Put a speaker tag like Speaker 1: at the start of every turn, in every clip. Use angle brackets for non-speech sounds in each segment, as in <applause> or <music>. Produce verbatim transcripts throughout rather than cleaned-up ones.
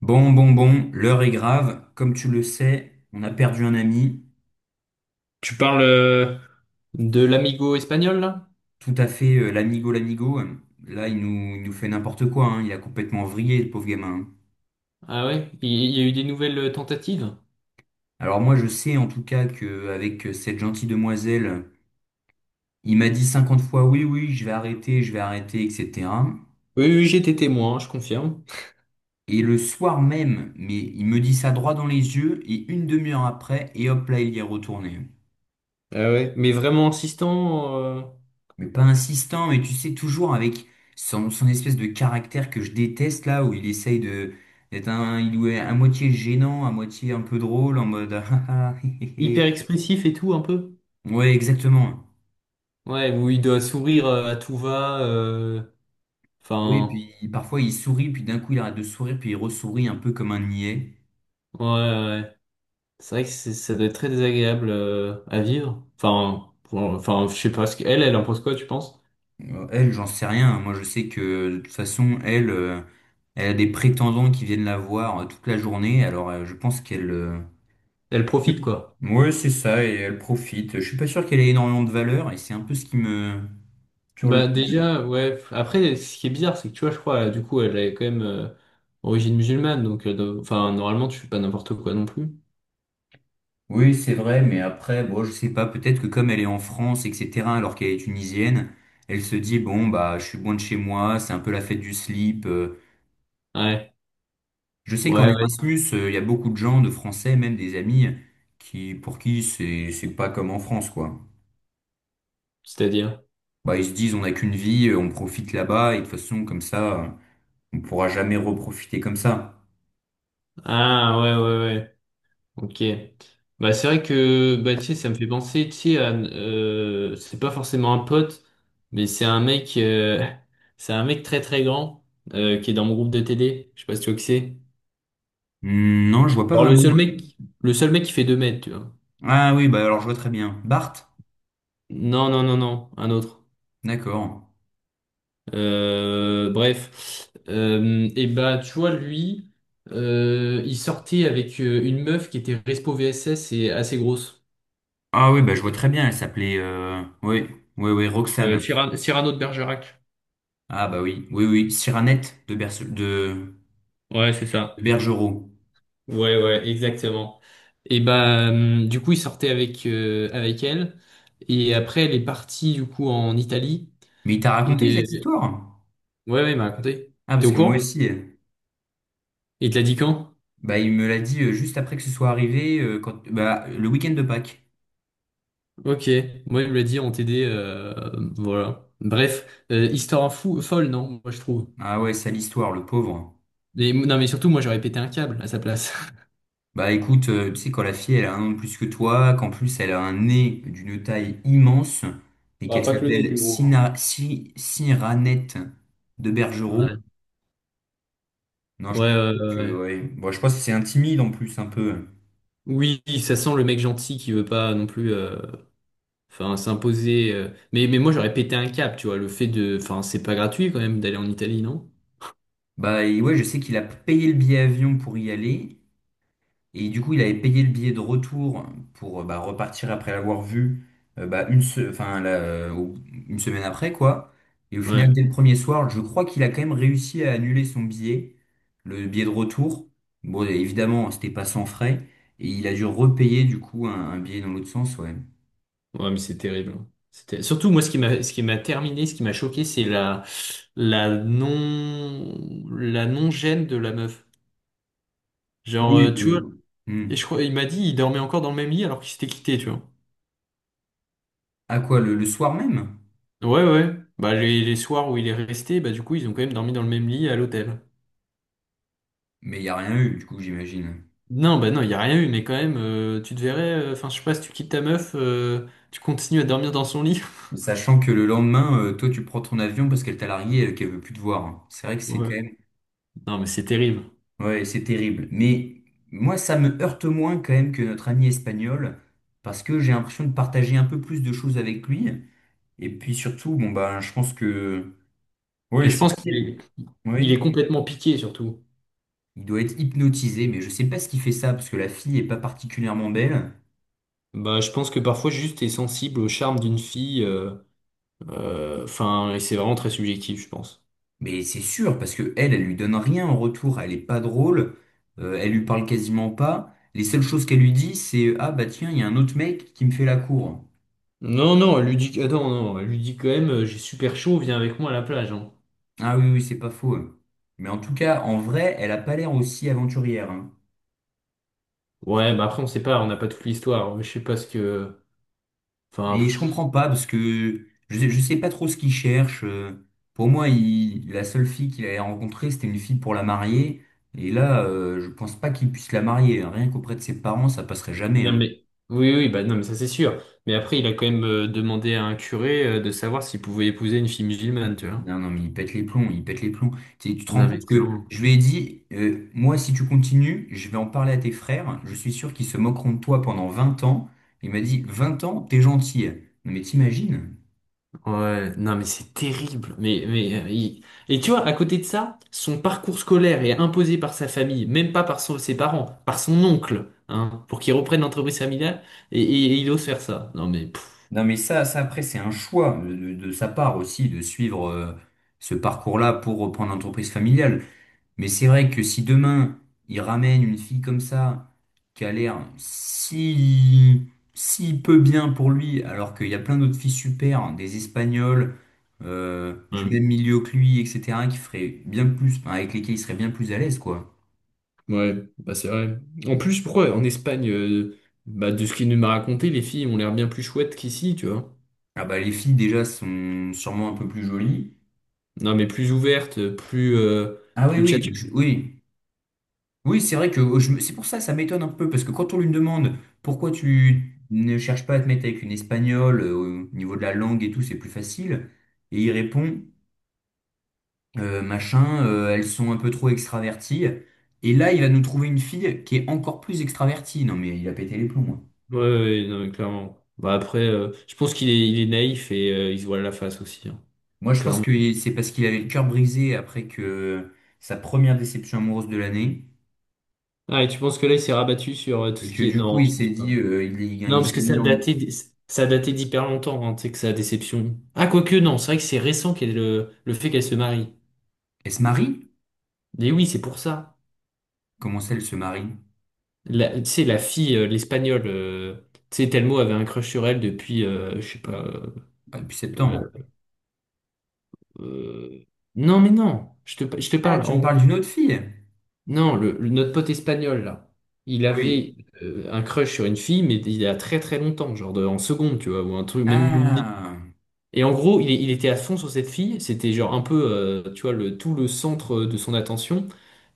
Speaker 1: Bon, bon, bon, l'heure est grave. Comme tu le sais, on a perdu un ami,
Speaker 2: Tu parles euh, de l'amigo espagnol, là?
Speaker 1: tout à fait, euh, l'amigo, l'amigo. Là, il nous, il nous fait n'importe quoi, hein. Il a complètement vrillé, le pauvre gamin.
Speaker 2: Ah ouais? Il il y a eu des nouvelles tentatives?
Speaker 1: Alors moi, je sais en tout cas que avec euh, cette gentille demoiselle, il m'a dit cinquante fois oui, oui, je vais arrêter, je vais arrêter, et cetera.
Speaker 2: Oui, oui, j'étais témoin, je confirme.
Speaker 1: Et le soir même, mais il me dit ça droit dans les yeux, et une demi-heure après, et hop là, il y est retourné.
Speaker 2: Ah ouais? Mais vraiment insistant, euh,
Speaker 1: Mais pas insistant, mais tu sais, toujours avec son, son espèce de caractère que je déteste là, où il essaye de d'être un, il ou elle à moitié gênant, à moitié un peu drôle, en mode <laughs> ah, ah, hé,
Speaker 2: hyper
Speaker 1: hé,
Speaker 2: expressif et tout, un peu.
Speaker 1: hé. Ouais, exactement.
Speaker 2: Ouais, où il doit sourire euh, à tout va. euh,
Speaker 1: Oui,
Speaker 2: Enfin,
Speaker 1: puis parfois il sourit, puis d'un coup il arrête de sourire, puis il ressourit un peu comme un niais.
Speaker 2: ouais, ouais, ouais. C'est vrai que c'est- ça doit être très désagréable euh, à vivre. Enfin, pour- enfin, je sais pas ce qu'elle, elle impose quoi, tu penses?
Speaker 1: Euh, Elle, j'en sais rien, hein. Moi, je sais que de toute façon, elle, euh, elle a des prétendants qui viennent la voir euh, toute la journée. Alors, euh, je pense qu'elle, euh,
Speaker 2: Elle profite, quoi.
Speaker 1: ouais, c'est ça, et elle profite. Je suis pas sûr qu'elle ait énormément de valeur, et c'est un peu ce qui me, sur le-
Speaker 2: Bah déjà, ouais. f- Après, ce qui est bizarre, c'est que tu vois, je crois, euh, du coup, elle est quand même euh, origine musulmane, donc, euh, de- enfin, normalement, tu fais pas n'importe quoi non plus.
Speaker 1: Oui, c'est vrai, mais après, bon, je sais pas, peut-être que comme elle est en France, et cetera, alors qu'elle est tunisienne, elle se dit, bon, bah, je suis loin de chez moi, c'est un peu la fête du slip. euh.
Speaker 2: Ouais,
Speaker 1: Je sais qu'en
Speaker 2: ouais, ouais.
Speaker 1: Erasmus, euh, il y a beaucoup de gens, de Français, même des amis, qui, pour qui c'est, c'est pas comme en France, quoi.
Speaker 2: C'est-à-dire.
Speaker 1: Bah, ils se disent, on n'a qu'une vie, euh, on profite là-bas, et de toute façon, comme ça, euh, on pourra jamais reprofiter comme ça.
Speaker 2: Ah, ouais, ouais, ouais. Ok. Bah c'est vrai que, bah tu sais, ça me fait penser, tu sais, à, euh, c'est pas forcément un pote, mais c'est un mec, euh, <laughs> c'est un mec très très grand euh, qui est dans mon groupe de T D. Je sais pas si tu vois qui c'est.
Speaker 1: Hmm. Non, je vois pas
Speaker 2: Genre le
Speaker 1: vraiment.
Speaker 2: seul mec, le seul mec qui fait deux mètres, tu vois.
Speaker 1: Ah oui, bah, alors je vois très bien. Bart?
Speaker 2: Non, non, non, non, un autre.
Speaker 1: D'accord.
Speaker 2: Euh, bref. Euh, et bah tu vois lui, euh, il sortait avec euh, une meuf qui était Respo V S S et assez grosse.
Speaker 1: Ah oui, bah, je vois très bien, elle s'appelait... euh, oui, oui, oui,
Speaker 2: Euh,
Speaker 1: Roxane.
Speaker 2: Cyrano, Cyrano de Bergerac.
Speaker 1: Ah bah oui, oui, oui, Cyranette de, Berce- de...
Speaker 2: Ouais, c'est
Speaker 1: de
Speaker 2: ça.
Speaker 1: Bergerot.
Speaker 2: Ouais, ouais, exactement. Et bah euh, du coup il sortait avec euh, avec elle et après elle est partie du coup en Italie.
Speaker 1: Mais il t'a raconté cette
Speaker 2: Et
Speaker 1: histoire?
Speaker 2: ouais, ouais, il m'a raconté.
Speaker 1: Ah,
Speaker 2: T'es au
Speaker 1: parce que moi
Speaker 2: courant?
Speaker 1: aussi, euh,
Speaker 2: Il te l'a dit quand?
Speaker 1: bah, il me l'a dit euh, juste après que ce soit arrivé, euh, quand... bah, le week-end de Pâques.
Speaker 2: Ok, moi il me l'a dit en T D, euh, voilà. Bref, euh, histoire fou, folle, non, moi je trouve.
Speaker 1: Ah ouais, sale histoire, le pauvre.
Speaker 2: Et- non, mais surtout, moi, j'aurais pété un câble à sa place. <laughs>
Speaker 1: Bah écoute, euh, tu sais, quand la fille, elle a un an de plus que toi, qu'en plus, elle a un nez d'une taille immense, et
Speaker 2: Ah,
Speaker 1: qu'elle
Speaker 2: pas que le nez qui
Speaker 1: s'appelle
Speaker 2: est gros,
Speaker 1: Sina... Si- Cyranette de Bergerot,
Speaker 2: hein.
Speaker 1: non,
Speaker 2: Ouais,
Speaker 1: je peux
Speaker 2: ouais, ouais,
Speaker 1: dire
Speaker 2: ouais,
Speaker 1: que,
Speaker 2: ouais.
Speaker 1: ouais. Bon, je pense que c'est un en plus, un peu.
Speaker 2: Oui, ça sent le mec gentil qui veut pas non plus euh, enfin s'imposer. euh. Mais, mais moi, j'aurais pété un câble, tu vois. Le fait de. Enfin, c'est pas gratuit quand même d'aller en Italie, non?
Speaker 1: Bah, et ouais, je sais qu'il a payé le billet avion pour y aller. Et du coup, il avait payé le billet de retour pour euh, bah, repartir après l'avoir vu euh, bah, une, se- enfin, là, euh, au- une semaine après, quoi. Et au final,
Speaker 2: Ouais,
Speaker 1: dès le premier soir, je crois qu'il a quand même réussi à annuler son billet, le billet de retour. Bon, et évidemment, c'était pas sans frais. Et il a dû repayer, du coup, un, un billet dans l'autre sens, ouais.
Speaker 2: ouais, mais c'est terrible, hein. C'était... Surtout, moi, ce qui m'a ce qui m'a terminé, ce qui m'a choqué, c'est la, la non la non-gêne de la meuf. Genre, euh,
Speaker 1: Oui.
Speaker 2: tu vois,
Speaker 1: Euh,
Speaker 2: et
Speaker 1: hmm.
Speaker 2: je crois, il m'a dit, il dormait encore dans le même lit alors qu'il s'était quitté, tu vois.
Speaker 1: À quoi, le le soir même?
Speaker 2: Ouais, ouais. Bah, les, les soirs où il est resté, bah, du coup, ils ont quand même dormi dans le même lit à l'hôtel.
Speaker 1: Mais il n'y a rien eu, du coup, j'imagine.
Speaker 2: Non, bah, non, il n'y a rien eu, mais quand même, euh, tu te verrais, euh, enfin, je sais pas, si tu quittes ta meuf, euh, tu continues à dormir dans son lit. <laughs>
Speaker 1: Sachant que le lendemain, euh, toi, tu prends ton avion parce qu'elle t'a largué et qu'elle veut plus te voir. C'est vrai que c'est
Speaker 2: Ouais.
Speaker 1: quand même...
Speaker 2: Non, mais c'est terrible.
Speaker 1: Ouais, c'est terrible. Mais moi, ça me heurte moins quand même que notre ami espagnol parce que j'ai l'impression de partager un peu plus de choses avec lui. Et puis surtout, bon, bah, je pense que... Ouais,
Speaker 2: Et je
Speaker 1: c'est...
Speaker 2: pense qu'il est, il est
Speaker 1: Oui,
Speaker 2: complètement piqué, surtout.
Speaker 1: il doit être hypnotisé, mais je sais pas ce qui fait ça parce que la fille est pas particulièrement belle.
Speaker 2: Bah, je pense que parfois, juste, t'es sensible au charme d'une fille, euh, euh, enfin, et c'est vraiment très subjectif, je pense.
Speaker 1: Mais c'est sûr, parce que elle, elle lui donne rien en retour, elle est pas drôle, euh, elle lui parle quasiment pas. Les seules choses qu'elle lui dit, c'est ah bah tiens, il y a un autre mec qui me fait la cour.
Speaker 2: Non, non, elle lui dit, ah, non, non, elle lui dit quand même, euh, j'ai super chaud, viens avec moi à la plage, hein.
Speaker 1: Ah oui, oui, c'est pas faux, hein. Mais en tout cas, en vrai, elle a pas l'air aussi aventurière, hein.
Speaker 2: Ouais, bah après, on sait pas, on n'a pas toute l'histoire. Je sais pas ce que. Enfin.
Speaker 1: Mais je
Speaker 2: Pff.
Speaker 1: comprends pas, parce que je, sais- je sais pas trop ce qu'il cherche. euh. Pour moi, il, la seule fille qu'il avait rencontrée, c'était une fille pour la marier. Et là, euh, je pense pas qu'il puisse la marier, hein. Rien qu'auprès de ses parents, ça passerait jamais,
Speaker 2: Non
Speaker 1: hein.
Speaker 2: mais oui oui bah non mais ça c'est sûr. Mais après il a quand même euh, demandé à un curé euh, de savoir s'il pouvait épouser une fille musulmane, tu vois.
Speaker 1: Non, non, mais il pète les plombs, il pète les plombs. Tu sais, tu te rends
Speaker 2: Non mais
Speaker 1: compte que
Speaker 2: clairement.
Speaker 1: je lui ai dit, euh, moi, si tu continues, je vais en parler à tes frères. Je suis sûr qu'ils se moqueront de toi pendant vingt ans. Il m'a dit, vingt ans, t'es gentil. Non, mais t'imagines?
Speaker 2: Ouais, non mais c'est terrible. Mais mais euh, il- et tu vois à côté de ça, son parcours scolaire est imposé par sa famille, même pas par son- ses parents, par son oncle, hein, pour qu'il reprenne l'entreprise familiale et, et- et il ose faire ça. Non mais pff,
Speaker 1: Non, mais ça, ça après, c'est un choix de, de- de sa part aussi de suivre euh, ce parcours-là pour reprendre l'entreprise familiale. Mais c'est vrai que si demain, il ramène une fille comme ça, qui a l'air si, si peu bien pour lui, alors qu'il y a plein d'autres filles super, hein, des Espagnols, euh, du
Speaker 2: ouais.
Speaker 1: même milieu que lui, et cetera, qui feraient bien plus, enfin, avec lesquels il serait bien plus à l'aise, quoi.
Speaker 2: Ouais, bah c'est vrai. En plus pourquoi en Espagne euh, bah de ce qu'il nous m'a raconté, les filles ont l'air bien plus chouettes qu'ici, tu vois.
Speaker 1: Ah bah, les filles, déjà, sont sûrement un peu plus jolies.
Speaker 2: Non, mais plus ouverte, plus, euh,
Speaker 1: Ah oui,
Speaker 2: plus
Speaker 1: oui,
Speaker 2: tchatcheuse.
Speaker 1: je- oui. Oui, c'est vrai que oh, je me- c'est pour ça que ça m'étonne un peu, parce que quand on lui demande pourquoi tu ne cherches pas à te mettre avec une espagnole, euh, au niveau de la langue et tout, c'est plus facile, et il répond, euh, machin, euh, elles sont un peu trop extraverties, et là, il va nous trouver une fille qui est encore plus extravertie. Non, mais il a pété les plombs, hein.
Speaker 2: Ouais, ouais, non, mais clairement. Bah après, euh, je pense qu'il est, il est naïf et euh, il se voile la face aussi, hein.
Speaker 1: Moi, je pense
Speaker 2: Clairement.
Speaker 1: que c'est parce qu'il avait le cœur brisé après que sa première déception amoureuse de l'année,
Speaker 2: Ah, et tu penses que là, il s'est rabattu sur euh, tout
Speaker 1: et
Speaker 2: ce
Speaker 1: que
Speaker 2: qui est...
Speaker 1: du coup,
Speaker 2: Non,
Speaker 1: il
Speaker 2: je pense
Speaker 1: s'est
Speaker 2: pas.
Speaker 1: dit, euh, il,
Speaker 2: Non,
Speaker 1: il
Speaker 2: parce que
Speaker 1: s'est
Speaker 2: ça
Speaker 1: mis en...
Speaker 2: datait, d- ça datait d'hyper longtemps, hein, tu sais, que sa déception. Ah, quoique, non, c'est vrai que c'est récent qu'elle, le, le fait qu'elle se marie.
Speaker 1: Elle se marie?
Speaker 2: Mais oui, c'est pour ça.
Speaker 1: Comment ça, elle se marie?
Speaker 2: La, tu sais, la fille, euh, l'espagnole, euh, tu sais, Telmo avait un crush sur elle depuis, euh, je sais pas...
Speaker 1: Bah, depuis septembre.
Speaker 2: euh, euh, non, mais non, je te, je te
Speaker 1: Ah,
Speaker 2: parle.
Speaker 1: tu
Speaker 2: En
Speaker 1: me parles
Speaker 2: gros.
Speaker 1: d'une autre fille?
Speaker 2: Non, le, le- notre pote espagnol, là, il
Speaker 1: Oui.
Speaker 2: avait euh, un crush sur une fille, mais il y a très très longtemps, genre de- en seconde, tu vois, ou un truc, même.
Speaker 1: Ah,
Speaker 2: Et en gros, il, il était à fond sur cette fille, c'était genre un peu, euh, tu vois, le, tout le centre de son attention.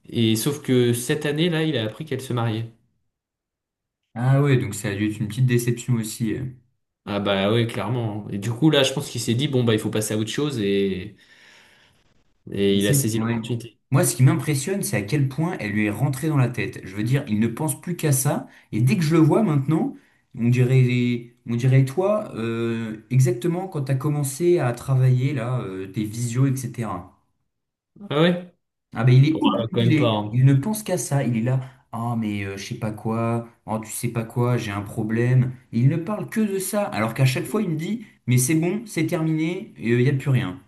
Speaker 2: Et sauf que cette année, là, il a appris qu'elle se mariait.
Speaker 1: ah ouais, donc ça a dû être une petite déception aussi.
Speaker 2: Ah bah ouais, clairement, hein. Et du coup, là, je pense qu'il s'est dit, bon, bah, il faut passer à autre chose, et,
Speaker 1: Mais
Speaker 2: et il a
Speaker 1: c'est-
Speaker 2: saisi
Speaker 1: ouais.
Speaker 2: l'opportunité.
Speaker 1: Moi, ce qui m'impressionne, c'est à quel point elle lui est rentrée dans la tête. Je veux dire, il ne pense plus qu'à ça. Et dès que je le vois maintenant, on dirait, on dirait toi, euh, exactement quand tu as commencé à travailler là, euh, tes visios, et cetera.
Speaker 2: Ah ouais?
Speaker 1: Ah ben il
Speaker 2: Bon,
Speaker 1: est
Speaker 2: bah, quand même pas,
Speaker 1: obnubilé,
Speaker 2: hein.
Speaker 1: il ne pense qu'à ça, il est là, ah mais euh, je sais pas quoi, oh tu sais pas quoi, j'ai un problème. Il ne parle que de ça, alors qu'à chaque fois il me dit, mais c'est bon, c'est terminé, il n'y a plus rien.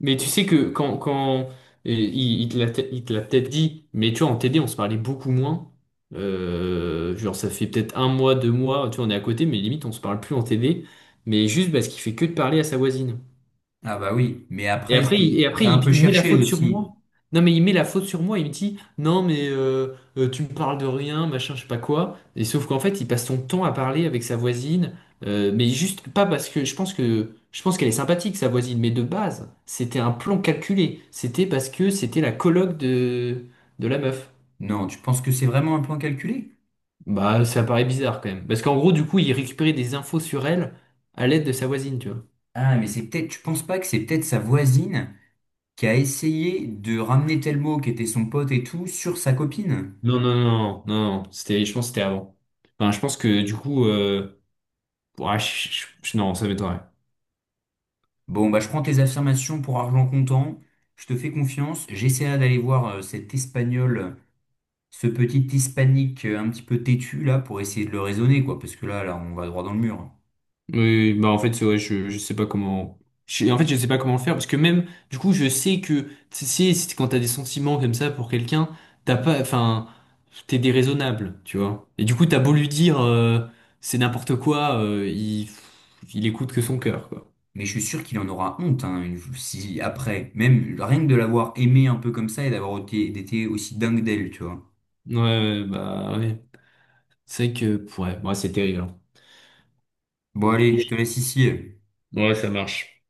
Speaker 2: Mais tu sais que quand, quand et il, il te l'a il te l'a peut-être dit, mais tu vois, en T D, on se parlait beaucoup moins. Euh, genre, ça fait peut-être un mois, deux mois, tu vois, on est à côté, mais limite, on se parle plus en T D. Mais juste parce qu'il fait que de parler à sa voisine.
Speaker 1: Ah bah oui, mais
Speaker 2: Et
Speaker 1: après c'est
Speaker 2: après, il, et après
Speaker 1: t'as un peu
Speaker 2: il, il met la
Speaker 1: cherché
Speaker 2: faute sur
Speaker 1: aussi.
Speaker 2: moi. Non, mais il met la faute sur moi. Il me dit, non, mais euh, euh, tu me parles de rien, machin, je sais pas quoi. Et sauf qu'en fait, il passe son temps à parler avec sa voisine. euh, mais juste pas parce que je pense que je pense qu'elle est sympathique, sa voisine. Mais de base, c'était un plan calculé. C'était parce que c'était la coloc de, de la meuf.
Speaker 1: Non, tu penses que c'est vraiment un plan calculé?
Speaker 2: Bah, ça paraît bizarre quand même. Parce qu'en gros, du coup, il récupérait des infos sur elle à l'aide de sa voisine, tu vois.
Speaker 1: Ah mais c'est peut-être, tu penses pas que c'est peut-être sa voisine qui a essayé de ramener tel mot qui était son pote et tout sur sa copine?
Speaker 2: Non, non, non, non, non, non. C'était, je pense que c'était avant. Enfin, je pense que du coup. euh, Ouais, je- je- je- non, ça m'étonnerait.
Speaker 1: Bon, bah, je prends tes affirmations pour argent comptant. Je te fais confiance. J'essaierai d'aller voir euh, cet Espagnol, ce petit Hispanique euh, un petit peu têtu là, pour essayer de le raisonner, quoi. Parce que là, là, on va droit dans le mur, hein.
Speaker 2: Oui, oui, bah en fait, ouais, je, je sais pas comment. Je- en fait, je sais pas comment le faire parce que même, du coup, je sais que tu sais, si- quand t'as des sentiments comme ça pour quelqu'un, t'as pas, enfin, t'es déraisonnable, tu vois. Et du coup, t'as beau lui dire euh, c'est n'importe quoi, euh, il, il écoute que son cœur, quoi.
Speaker 1: Mais je suis sûr qu'il en aura honte, hein, une- si après, même rien que de l'avoir aimé un peu comme ça et d'avoir été, été aussi dingue d'elle, tu vois.
Speaker 2: Ouais, ouais, bah ouais. C'est vrai que, ouais, ouais, c'est terrible, hein.
Speaker 1: Bon, allez, je te laisse ici.
Speaker 2: Bon, ouais, ça marche.